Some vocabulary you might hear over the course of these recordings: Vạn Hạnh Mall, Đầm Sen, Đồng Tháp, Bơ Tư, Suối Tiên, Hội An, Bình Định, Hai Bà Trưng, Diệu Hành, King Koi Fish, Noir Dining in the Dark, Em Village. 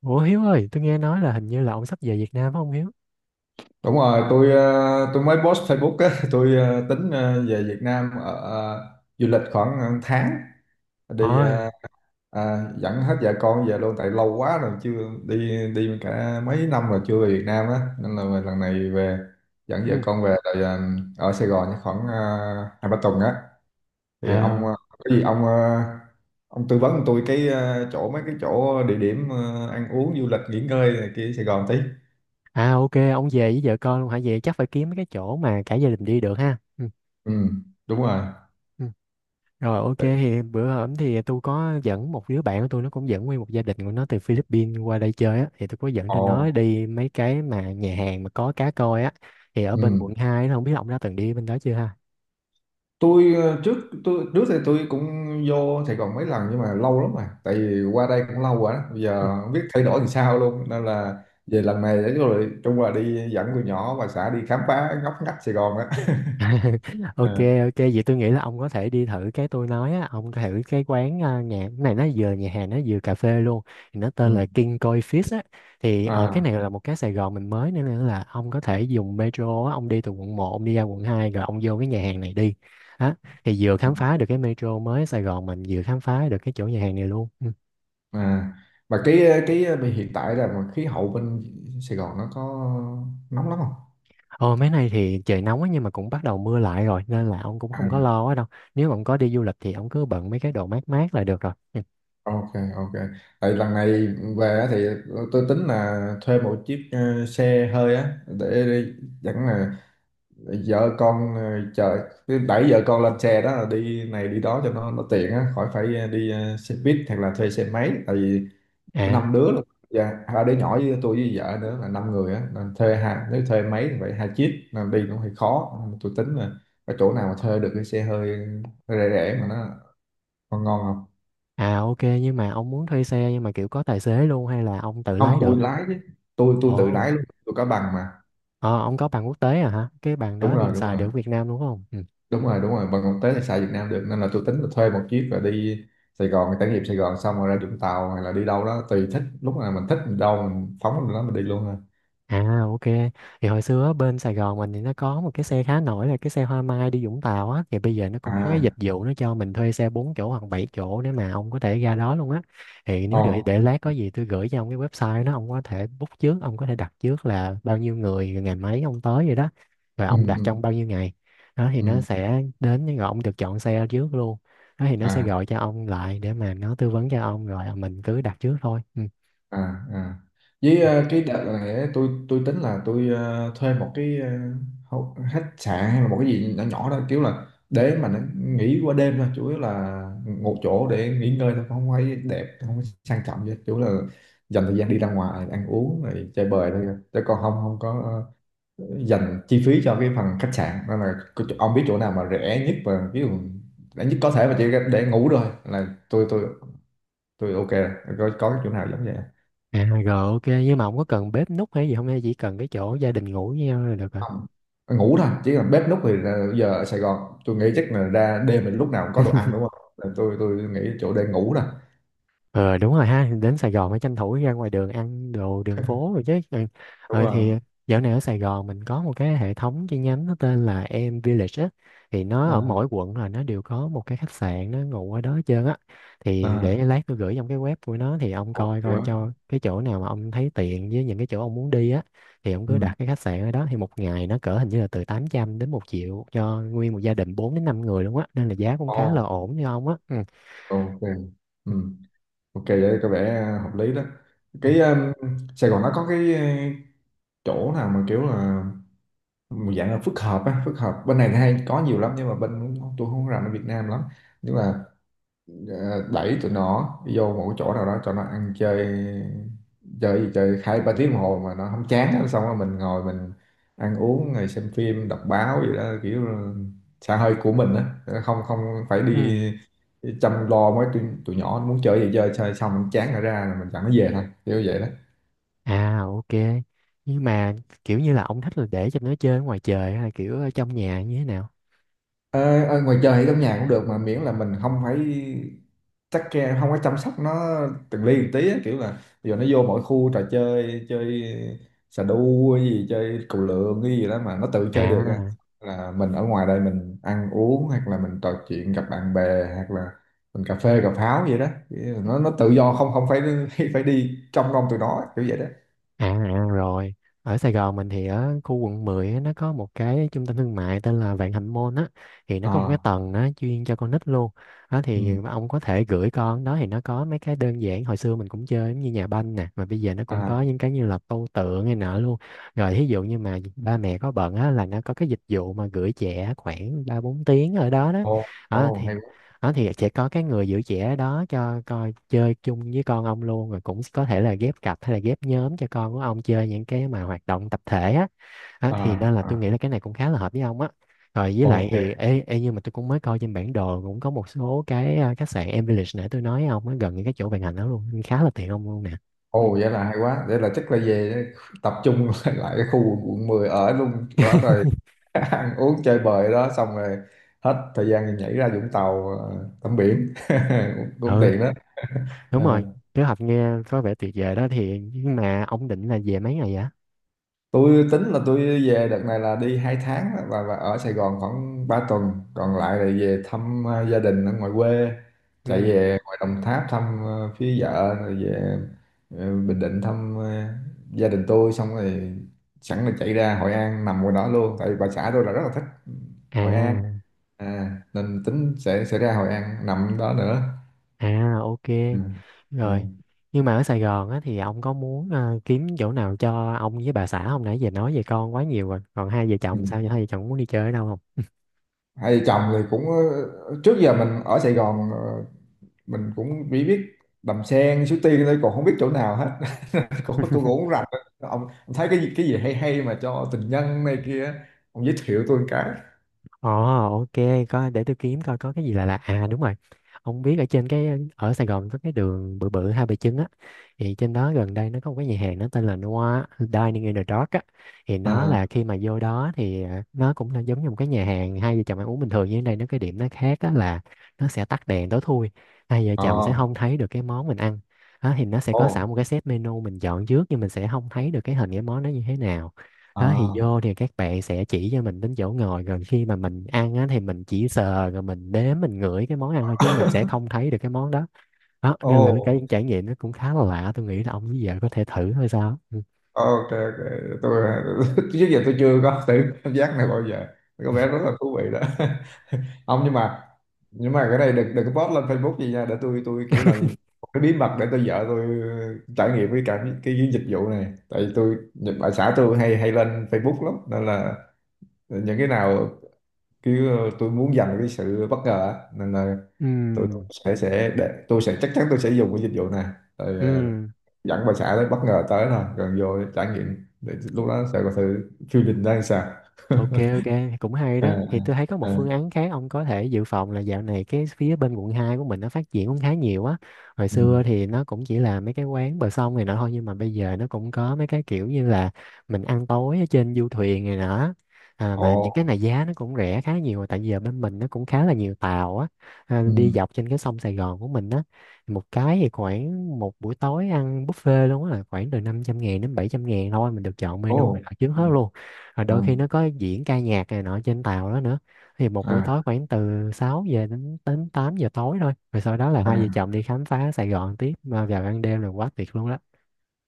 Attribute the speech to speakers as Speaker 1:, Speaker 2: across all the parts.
Speaker 1: Ủa Hiếu ơi, tôi nghe nói là hình như là ông sắp về Việt Nam phải không Hiếu?
Speaker 2: Đúng rồi, tôi mới post Facebook á, tính về Việt Nam ở, du lịch khoảng tháng, đi
Speaker 1: Ôi,
Speaker 2: ờ, à, dẫn hết vợ con về luôn tại lâu quá rồi chưa đi đi cả mấy năm rồi chưa về Việt Nam á, nên là về lần này về dẫn
Speaker 1: ừ,
Speaker 2: vợ con về rồi, ở Sài Gòn khoảng 2 3 tuần á, thì
Speaker 1: à,
Speaker 2: có gì ông tư vấn tôi cái, chỗ mấy cái chỗ địa điểm ăn uống du lịch nghỉ ngơi này kia Sài Gòn tí.
Speaker 1: à ok, ông về với vợ con luôn hả? Vậy chắc phải kiếm mấy cái chỗ mà cả gia đình đi được ha. Ừ.
Speaker 2: Ừ, đúng rồi.
Speaker 1: Ừ. Rồi ok, thì bữa hổm thì tôi có dẫn một đứa bạn của tôi, nó cũng dẫn nguyên một gia đình của nó từ Philippines qua đây chơi á. Thì tôi có dẫn cho nó
Speaker 2: Ồ.
Speaker 1: đi mấy cái mà nhà hàng mà có cá coi á. Thì ở bên
Speaker 2: Ừ.
Speaker 1: quận 2 nó không biết ông đã từng đi bên đó chưa ha?
Speaker 2: tôi ờ, trước tôi trước thì tôi cũng vô Sài Gòn mấy lần nhưng mà lâu lắm rồi, tại vì qua đây cũng lâu rồi đó, bây giờ không biết thay đổi làm sao luôn, nên là về lần này để rồi chung là đi dẫn tụi nhỏ và xã đi khám phá ngóc ngách Sài Gòn á.
Speaker 1: Ok,
Speaker 2: À.
Speaker 1: ok vậy tôi nghĩ là ông có thể đi thử cái tôi nói á, ông thử cái quán nhà cái này nó vừa nhà hàng nó vừa cà phê luôn, thì nó tên
Speaker 2: Ừ.
Speaker 1: là King Koi Fish á. Thì ở cái này
Speaker 2: À.
Speaker 1: là một cái Sài Gòn mình mới nữa, nên là ông có thể dùng metro á, ông đi từ quận một, ông đi ra quận 2 rồi ông vô cái nhà hàng này đi á. Thì vừa
Speaker 2: Ừ.
Speaker 1: khám phá được cái metro mới Sài Gòn mình, vừa khám phá được cái chỗ nhà hàng này luôn. Ừ.
Speaker 2: À. Mà cái bên hiện tại là mà khí hậu bên Sài Gòn nó có nóng lắm không?
Speaker 1: Ồ mấy nay thì trời nóng á, nhưng mà cũng bắt đầu mưa lại rồi nên là ông cũng không có
Speaker 2: À,
Speaker 1: lo quá đâu. Nếu mà ông có đi du lịch thì ông cứ bận mấy cái đồ mát mát là được rồi. Ừ.
Speaker 2: ok, ok. Tại lần này về á thì tôi tính là thuê một chiếc xe hơi á để đi dẫn vợ con, chờ cứ đẩy vợ con lên xe đó là đi này đi đó cho nó tiện á, khỏi phải đi xe buýt hoặc là thuê xe máy, tại vì năm
Speaker 1: À.
Speaker 2: đứa là dạ, 2 đứa nhỏ với tôi với vợ nữa là 5 người á, nên thuê hai, nếu thuê máy thì phải 2 chiếc nên đi cũng hơi khó. Nên tôi tính là cái chỗ nào mà thuê được cái xe hơi hơi rẻ rẻ mà nó còn ngon không?
Speaker 1: À ok, nhưng mà ông muốn thuê xe nhưng mà kiểu có tài xế luôn hay là ông tự
Speaker 2: Không,
Speaker 1: lái được?
Speaker 2: tôi lái chứ, tôi tự
Speaker 1: Ồ,
Speaker 2: lái luôn, tôi có bằng mà.
Speaker 1: ờ, ông có bằng quốc tế à hả? Cái bằng
Speaker 2: Đúng
Speaker 1: đó
Speaker 2: rồi,
Speaker 1: mình
Speaker 2: đúng
Speaker 1: xài
Speaker 2: rồi.
Speaker 1: được ở Việt Nam đúng không? Ừ.
Speaker 2: Đúng rồi, đúng rồi. Bằng còn tới thì xài Việt Nam được, nên là tôi tính là thuê một chiếc rồi đi Sài Gòn, trải nghiệm Sài Gòn xong rồi ra Vũng Tàu hay là đi đâu đó tùy thích, lúc nào mình thích mình đâu mình phóng lên đó mình đi luôn ha.
Speaker 1: À ok. Thì hồi xưa á, bên Sài Gòn mình thì nó có một cái xe khá nổi là cái xe Hoa Mai đi Vũng Tàu á. Thì bây giờ nó cũng có cái dịch
Speaker 2: À.
Speaker 1: vụ nó cho mình thuê xe 4 chỗ hoặc 7 chỗ, nếu mà ông có thể ra đó luôn á. Thì nếu được thì
Speaker 2: Ồ.
Speaker 1: để lát có gì tôi gửi cho ông cái website đó. Ông có thể book trước, ông có thể đặt trước là bao nhiêu người, rồi ngày mấy ông tới vậy đó. Và
Speaker 2: Ừ.
Speaker 1: ông đặt
Speaker 2: Ừ.
Speaker 1: trong bao nhiêu ngày. Đó thì nó
Speaker 2: Ừ.
Speaker 1: sẽ đến rồi ông được chọn xe trước luôn. Đó thì nó sẽ
Speaker 2: À.
Speaker 1: gọi cho ông lại để mà nó tư vấn cho ông, rồi mình cứ đặt trước thôi. Ừ.
Speaker 2: À. À. Với cái đợt này ấy, tôi tính là tôi thuê một cái khách sạn hay là một cái gì nhỏ nhỏ đó, kiểu là để mà nó nghỉ qua đêm thôi, chủ yếu là một chỗ để nghỉ ngơi thôi, không phải đẹp không phải sang trọng gì hết. Chủ yếu là dành thời gian đi ra ngoài ăn uống rồi chơi bời thôi, chứ còn không không có dành chi phí cho cái phần khách sạn, nên là ông biết chỗ nào mà rẻ nhất và ví dụ rẻ nhất có thể mà chỉ để ngủ thôi là tôi ok rồi. Có cái chỗ nào giống vậy?
Speaker 1: À rồi ok, nhưng mà không có cần bếp núc hay gì không, hay chỉ cần cái chỗ gia đình ngủ với nhau là được rồi.
Speaker 2: Không, ngủ thôi, chỉ là bếp núc thì là giờ ở Sài Gòn tôi nghĩ chắc là ra đêm thì lúc nào cũng có đồ ăn đúng không. Nên tôi nghĩ chỗ để ngủ thôi.
Speaker 1: Ờ đúng rồi ha, đến Sài Gòn phải tranh thủ ra ngoài đường ăn đồ đường phố rồi chứ. Ừ.
Speaker 2: Đúng
Speaker 1: Ờ
Speaker 2: rồi.
Speaker 1: thì dạo này ở Sài Gòn mình có một cái hệ thống chi nhánh nó tên là Em Village á. Thì nó ở
Speaker 2: À,
Speaker 1: mỗi quận là nó đều có một cái khách sạn nó ngủ ở đó hết trơn á. Thì
Speaker 2: à.
Speaker 1: để lát tôi gửi trong cái web của nó, thì ông
Speaker 2: Ồ,
Speaker 1: coi
Speaker 2: hay
Speaker 1: coi
Speaker 2: quá.
Speaker 1: cho cái chỗ nào mà ông thấy tiện với những cái chỗ ông muốn đi á. Thì ông cứ
Speaker 2: Ừ.
Speaker 1: đặt cái khách sạn ở đó, thì một ngày nó cỡ hình như là từ 800 đến một triệu cho nguyên một gia đình 4 đến 5 người luôn á, nên là giá cũng khá
Speaker 2: Ồ,
Speaker 1: là ổn cho ông á. Ừ.
Speaker 2: ok. Ừ.
Speaker 1: Ừ.
Speaker 2: Ok, vậy có vẻ à, hợp lý đó.
Speaker 1: Ừ.
Speaker 2: Cái Sài Gòn nó có cái uh, chỗ nào mà kiểu là một dạng là phức hợp á. Phức hợp bên này thì hay có nhiều lắm nhưng mà bên tôi không có rành ở Việt Nam lắm, nhưng mà đẩy tụi nó đi vô một cái chỗ nào đó cho nó ăn chơi, chơi gì chơi 2 3 tiếng đồng hồ mà nó không chán á. Xong rồi mình ngồi mình ăn uống rồi xem phim đọc báo gì đó, kiểu xã hội của mình á. Ờ, không không phải
Speaker 1: Ừ.
Speaker 2: đi chăm lo mấy tụi nhỏ nó muốn chơi gì chơi, chơi xong chán rồi ra rồi mình dẫn nó về thôi, kiểu vậy đó.
Speaker 1: À ok. Nhưng mà kiểu như là ông thích là để cho nó chơi ở ngoài trời hay là kiểu ở trong nhà như thế nào?
Speaker 2: Ờ, ở ngoài trời hay trong nhà cũng được, mà miễn là mình không phải chắc ke, không phải chăm sóc nó từng ly từng tí á, kiểu là giờ nó vô mỗi khu trò chơi chơi xà đu cái gì, chơi cầu lượn cái gì đó mà nó tự chơi được á,
Speaker 1: À.
Speaker 2: là mình ở ngoài đây mình ăn uống, hoặc là mình trò chuyện gặp bạn bè, hoặc là mình cà phê cà pháo vậy đó. Kiểu là nó tự do, không không phải phải đi trong nom tụi nó, kiểu vậy đó.
Speaker 1: À, à rồi, ở Sài Gòn mình thì ở khu quận 10 á, nó có một cái trung tâm thương mại tên là Vạn Hạnh Mall á, thì nó có một
Speaker 2: À.
Speaker 1: cái tầng nó chuyên cho con nít luôn. Đó thì
Speaker 2: Ừ.
Speaker 1: ông có thể gửi con, đó thì nó có mấy cái đơn giản hồi xưa mình cũng chơi giống như nhà banh nè, mà bây giờ nó cũng có
Speaker 2: À.
Speaker 1: những cái như là tô tượng hay nọ luôn. Rồi thí dụ như mà ba mẹ có bận á, là nó có cái dịch vụ mà gửi trẻ khoảng 3 4 tiếng ở đó đó.
Speaker 2: Ô.
Speaker 1: Đó
Speaker 2: Ô,
Speaker 1: thì
Speaker 2: hay quá.
Speaker 1: đó thì sẽ có cái người giữ trẻ đó cho coi chơi chung với con ông luôn, rồi cũng có thể là ghép cặp hay là ghép nhóm cho con của ông chơi những cái mà hoạt động tập thể á. Đó, thì
Speaker 2: À.
Speaker 1: nên là tôi
Speaker 2: À.
Speaker 1: nghĩ là cái này cũng khá là hợp với ông á. Rồi với lại thì
Speaker 2: Ok.
Speaker 1: ê, ê, nhưng mà tôi cũng mới coi trên bản đồ cũng có một số cái khách sạn Em Village nãy tôi nói ông á, gần những cái chỗ vận hành đó luôn, khá là tiện ông luôn nè. Ừ.
Speaker 2: Ồ, vậy là hay quá. Vậy là chắc là về tập trung lại cái khu quận 10 ở luôn đó rồi ăn uống chơi bời đó, xong rồi hết thời gian thì nhảy ra Vũng Tàu tắm biển. Cũng
Speaker 1: Ừ
Speaker 2: tiện đó.
Speaker 1: đúng rồi, kế hoạch nghe có vẻ tuyệt vời đó, thì nhưng mà ông định là về mấy ngày vậy.
Speaker 2: Tôi tính là tôi về đợt này là đi 2 tháng á, và ở Sài Gòn khoảng 3 tuần, còn lại là về thăm gia đình ở ngoài quê, chạy
Speaker 1: Ừ.
Speaker 2: về ngoài Đồng Tháp thăm phía vợ rồi về ờ, Bình Định thăm gia đình tôi xong rồi sẵn là chạy ra Hội An nằm ngoài đó luôn, tại vì bà xã tôi là rất là thích Hội An.
Speaker 1: À.
Speaker 2: À, nên tính sẽ ra Hội An nằm đó nữa.
Speaker 1: À ok.
Speaker 2: Ừ. Ừ.
Speaker 1: Rồi, nhưng mà ở Sài Gòn á, thì ông có muốn kiếm chỗ nào cho ông với bà xã không? Nãy giờ nói về con quá nhiều rồi. Còn hai vợ
Speaker 2: Ừ.
Speaker 1: chồng sao? Hai vợ chồng muốn đi chơi ở đâu
Speaker 2: Hay chồng thì cũng trước giờ mình ở Sài Gòn, mình cũng chỉ biết Đầm Sen, Suối Tiên thôi, còn không biết chỗ nào hết. Cũng tôi
Speaker 1: không?
Speaker 2: cũng không rành. Ông, ông thấy cái gì hay hay mà cho tình nhân này kia ông giới thiệu tôi một cái.
Speaker 1: Ồ, ok, có để tôi kiếm coi có cái gì là lạ. À đúng rồi. Ông biết ở trên cái ở Sài Gòn có cái đường bự bự Hai Bà Trưng á. Thì trên đó gần đây nó có một cái nhà hàng nó tên là Noir Dining in the Dark á. Thì nó là
Speaker 2: À.
Speaker 1: khi mà vô đó thì nó cũng là giống như một cái nhà hàng hai vợ chồng ăn uống bình thường như thế này, nó cái điểm nó khác á là nó sẽ tắt đèn tối thui. Hai vợ
Speaker 2: Ờ.
Speaker 1: chồng sẽ không thấy được cái món mình ăn. Đó, thì nó sẽ
Speaker 2: Ồ.
Speaker 1: có sẵn một cái set menu mình chọn trước, nhưng mình sẽ không thấy được cái hình cái món nó như thế nào. Đó thì
Speaker 2: À.
Speaker 1: vô thì các bạn sẽ chỉ cho mình đến chỗ ngồi, rồi khi mà mình ăn á, thì mình chỉ sờ rồi mình đếm mình ngửi cái món ăn thôi, chứ mình sẽ không thấy được cái món đó. Đó nên là
Speaker 2: Ồ,
Speaker 1: cái trải nghiệm nó cũng khá là lạ, tôi nghĩ là ông với vợ có thể thử thôi sao. Ừ.
Speaker 2: ok, ok. Tôi trước giờ tôi chưa có thử cảm giác này bao giờ, có vẻ rất là thú vị đó. Không, nhưng mà cái này đừng đừng có post lên Facebook gì nha, để tôi kiểu là một cái bí mật để tôi vợ tôi trải nghiệm với cả cái dịch vụ này, tại vì tôi ở xã tôi hay hay lên Facebook lắm, nên là những cái nào kiểu tôi muốn dành cái sự bất ngờ á, nên là
Speaker 1: Ừ.
Speaker 2: tôi sẽ để tôi sẽ chắc chắn tôi sẽ dùng cái dịch vụ này rồi
Speaker 1: Ừ.
Speaker 2: dẫn bà xã tới bất ngờ tới là gần vô trải nghiệm để lúc đó sẽ có thử feeling ra làm sao.
Speaker 1: Ok, ok cũng hay đó. Thì
Speaker 2: À,
Speaker 1: tôi thấy có một
Speaker 2: à.
Speaker 1: phương án khác ông có thể dự phòng là dạo này cái phía bên quận 2 của mình nó phát triển cũng khá nhiều á. Hồi xưa
Speaker 2: Ừ.
Speaker 1: thì nó cũng chỉ là mấy cái quán bờ sông này nọ thôi, nhưng mà bây giờ nó cũng có mấy cái kiểu như là mình ăn tối ở trên du thuyền này nọ. À, mà những cái
Speaker 2: Ồ.
Speaker 1: này giá nó cũng rẻ khá nhiều, tại vì giờ bên mình nó cũng khá là nhiều tàu á, à, đi
Speaker 2: Ừ.
Speaker 1: dọc trên cái sông Sài Gòn của mình á. Một cái thì khoảng một buổi tối ăn buffet luôn á là khoảng từ 500 ngàn đến 700 ngàn thôi, mình được chọn menu này
Speaker 2: Ồ.
Speaker 1: nọ chính
Speaker 2: Ừ.
Speaker 1: hết luôn. Rồi
Speaker 2: À,
Speaker 1: đôi khi nó có diễn ca nhạc này nọ trên tàu đó nữa. Thì một buổi
Speaker 2: à,
Speaker 1: tối khoảng từ 6 giờ đến đến 8 giờ tối thôi, rồi sau đó là hai vợ
Speaker 2: à.
Speaker 1: chồng đi khám phá Sài Gòn tiếp, mà vào ban đêm là quá tuyệt luôn đó.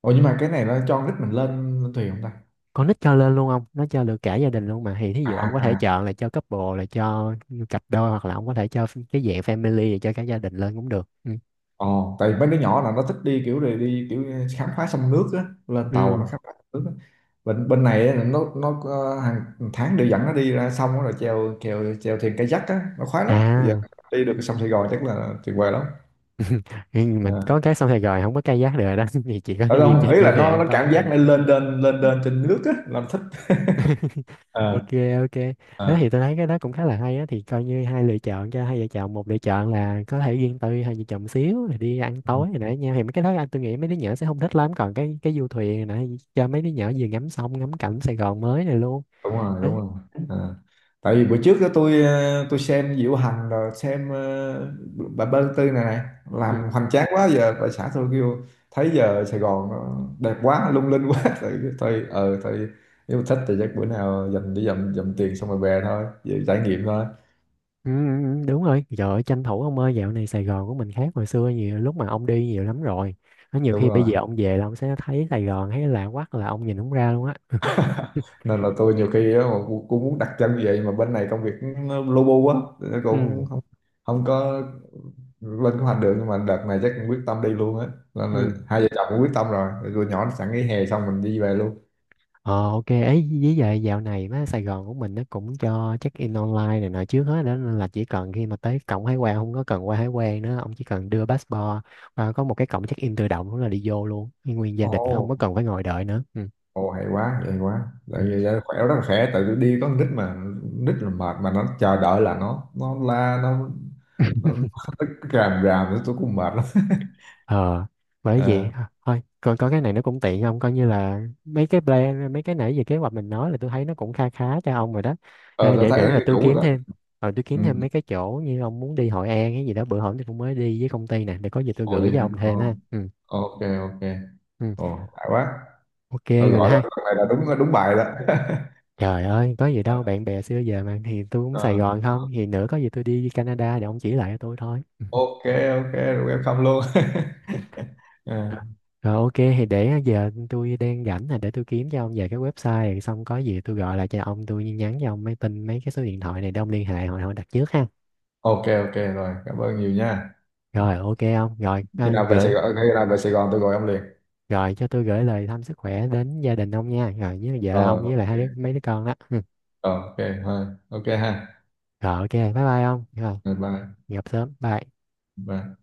Speaker 2: Ủa nhưng mà cái này nó cho con nít mình lên, thuyền không ta?
Speaker 1: Con nít cho lên luôn ông, nó cho được cả gia đình luôn mà. Thì thí
Speaker 2: À,
Speaker 1: dụ ông có thể
Speaker 2: à.
Speaker 1: chọn là cho couple là cho cặp đôi, hoặc là ông có thể cho cái dạng family cho cả gia đình lên cũng được. Ừ.
Speaker 2: Ồ, tại vì mấy đứa nhỏ là nó thích đi kiểu này đi kiểu khám phá sông nước á, lên tàu
Speaker 1: Ừ.
Speaker 2: nó khám phá sông nước á. Bên bên này á, nó hàng tháng đều dẫn nó đi ra sông á, rồi chèo chèo chèo thuyền kayak á, nó khoái lắm. Bây giờ
Speaker 1: À.
Speaker 2: đi được sông Sài Gòn chắc là tuyệt vời lắm.
Speaker 1: Nhưng mà có
Speaker 2: À.
Speaker 1: cái xong Sài rồi không có kayak được rồi đó, thì chỉ có
Speaker 2: Ở đâu
Speaker 1: đi
Speaker 2: không?
Speaker 1: trên
Speaker 2: Ý
Speaker 1: vô
Speaker 2: là
Speaker 1: thì
Speaker 2: nó
Speaker 1: ăn
Speaker 2: nó
Speaker 1: tối
Speaker 2: cảm
Speaker 1: thôi.
Speaker 2: giác nó lên lên lên lên trên nước á, làm thích. À,
Speaker 1: Ok, ok đó.
Speaker 2: à.
Speaker 1: Thì tôi thấy cái đó cũng khá là hay á, thì coi như hai lựa chọn cho hai vợ chồng, một lựa chọn là có thể riêng tư hai vợ chồng xíu rồi đi ăn tối rồi nãy nha, thì mấy cái đó anh tôi nghĩ mấy đứa nhỏ sẽ không thích lắm, còn cái du thuyền rồi nãy cho mấy đứa nhỏ vừa ngắm sông ngắm cảnh Sài Gòn mới này luôn
Speaker 2: Đúng rồi,
Speaker 1: đó. Ừ.
Speaker 2: đúng rồi. À. Tại vì bữa trước đó tôi xem Diệu Hành rồi xem bà Bơ Tư này này
Speaker 1: Ừ,
Speaker 2: làm hoành tráng quá, giờ bà xã tôi kêu thấy giờ Sài Gòn nó đẹp quá lung linh quá. thôi thôi ờ thôi, nếu mà thích thì chắc bữa nào dành đi dầm dầm tiền xong rồi về thôi, về trải nghiệm thôi.
Speaker 1: ừ, ừ, đúng rồi trời ơi, tranh thủ ông ơi, dạo này Sài Gòn của mình khác hồi xưa nhiều lúc mà ông đi nhiều lắm rồi. Nó nhiều
Speaker 2: Đúng
Speaker 1: khi bây
Speaker 2: rồi,
Speaker 1: giờ ông về là ông sẽ thấy Sài Gòn thấy lạ quắc, là ông nhìn không ra luôn á.
Speaker 2: nên là tôi nhiều khi á, mà cũng cũng muốn đặt chân như vậy mà bên này công việc nó lu bu quá thì nó
Speaker 1: Ừ.
Speaker 2: cũng không không có lên kế hoạch được, nhưng mà đợt này chắc cũng quyết tâm đi luôn á, nên là
Speaker 1: Ừ.
Speaker 2: hai vợ chồng cũng quyết tâm rồi. Rồi tụi nhỏ sẵn nghỉ hè xong mình đi về luôn.
Speaker 1: Ờ ok ấy, với vậy dạo này má Sài Gòn của mình nó cũng cho check in online này nọ trước hết đó, nên là chỉ cần khi mà tới cổng hải quan không có cần qua hải quan nữa, ông chỉ cần đưa passport và có một cái cổng check in tự động là đi vô luôn nguyên gia đình, không
Speaker 2: Ồ.
Speaker 1: có cần phải ngồi đợi nữa. Ừ.
Speaker 2: Ồ, hay quá, hay quá.
Speaker 1: Ừ.
Speaker 2: Tại vì vậy khỏe, rất là khỏe, tại vì đi có con nít mà. Nít là mệt mà, nó chờ đợi là nó la nó, nó ràm ràm nữa, tôi cũng mệt lắm.
Speaker 1: Ờ bởi vậy
Speaker 2: À,
Speaker 1: thôi thôi, còn có cái này nó cũng tiện không, coi như là mấy cái plan mấy cái nãy về kế hoạch mình nói, là tôi thấy nó cũng kha khá cho ông rồi đó.
Speaker 2: ờ
Speaker 1: Ê,
Speaker 2: tôi
Speaker 1: để nữa là
Speaker 2: thấy
Speaker 1: tôi
Speaker 2: đủ
Speaker 1: kiếm
Speaker 2: rồi đó.
Speaker 1: thêm tôi
Speaker 2: Ừ.
Speaker 1: kiếm thêm mấy cái chỗ như ông muốn đi Hội An cái gì đó, bữa hổm tôi cũng mới đi với công ty nè, để có gì tôi
Speaker 2: Ồ
Speaker 1: gửi
Speaker 2: vậy
Speaker 1: cho
Speaker 2: hả.
Speaker 1: ông
Speaker 2: Ồ,
Speaker 1: thêm ha. Ừ,
Speaker 2: ok, ok.
Speaker 1: ừ.
Speaker 2: Ồ, hay quá.
Speaker 1: Ok
Speaker 2: Tôi
Speaker 1: rồi nè
Speaker 2: gọi đó,
Speaker 1: ha.
Speaker 2: lần này là đúng đúng bài đó.
Speaker 1: Trời ơi có gì đâu bạn bè xưa giờ mà, thì tôi cũng Sài
Speaker 2: Ờ,
Speaker 1: Gòn không thì nữa có gì tôi đi Canada để ông chỉ lại cho tôi thôi.
Speaker 2: ok, ok, rồi welcome luôn.
Speaker 1: Rồi.
Speaker 2: Ờ,
Speaker 1: Rồi, ok thì để giờ tôi đang rảnh là để tôi kiếm cho ông về cái website, xong có gì tôi gọi lại cho ông, tôi nhắn cho ông mấy tin mấy cái số điện thoại này để ông liên hệ hồi hồi đặt trước ha.
Speaker 2: ok, ok rồi, cảm ơn nhiều nha.
Speaker 1: Rồi ok ông, rồi à,
Speaker 2: Khi nào về
Speaker 1: gửi,
Speaker 2: Sài Gòn, khi nào về Sài Gòn tôi gọi ông liền.
Speaker 1: rồi cho tôi gửi lời thăm sức khỏe đến gia đình ông nha. Rồi với vợ
Speaker 2: Ờ,
Speaker 1: ông với lại
Speaker 2: ok.
Speaker 1: hai đứa mấy đứa con đó. Ừ.
Speaker 2: Ờ, ok, thôi, ok ha.
Speaker 1: Rồi ok, bye bye ông. Rồi,
Speaker 2: Rồi. Bye,
Speaker 1: gặp sớm. Bye.
Speaker 2: bye.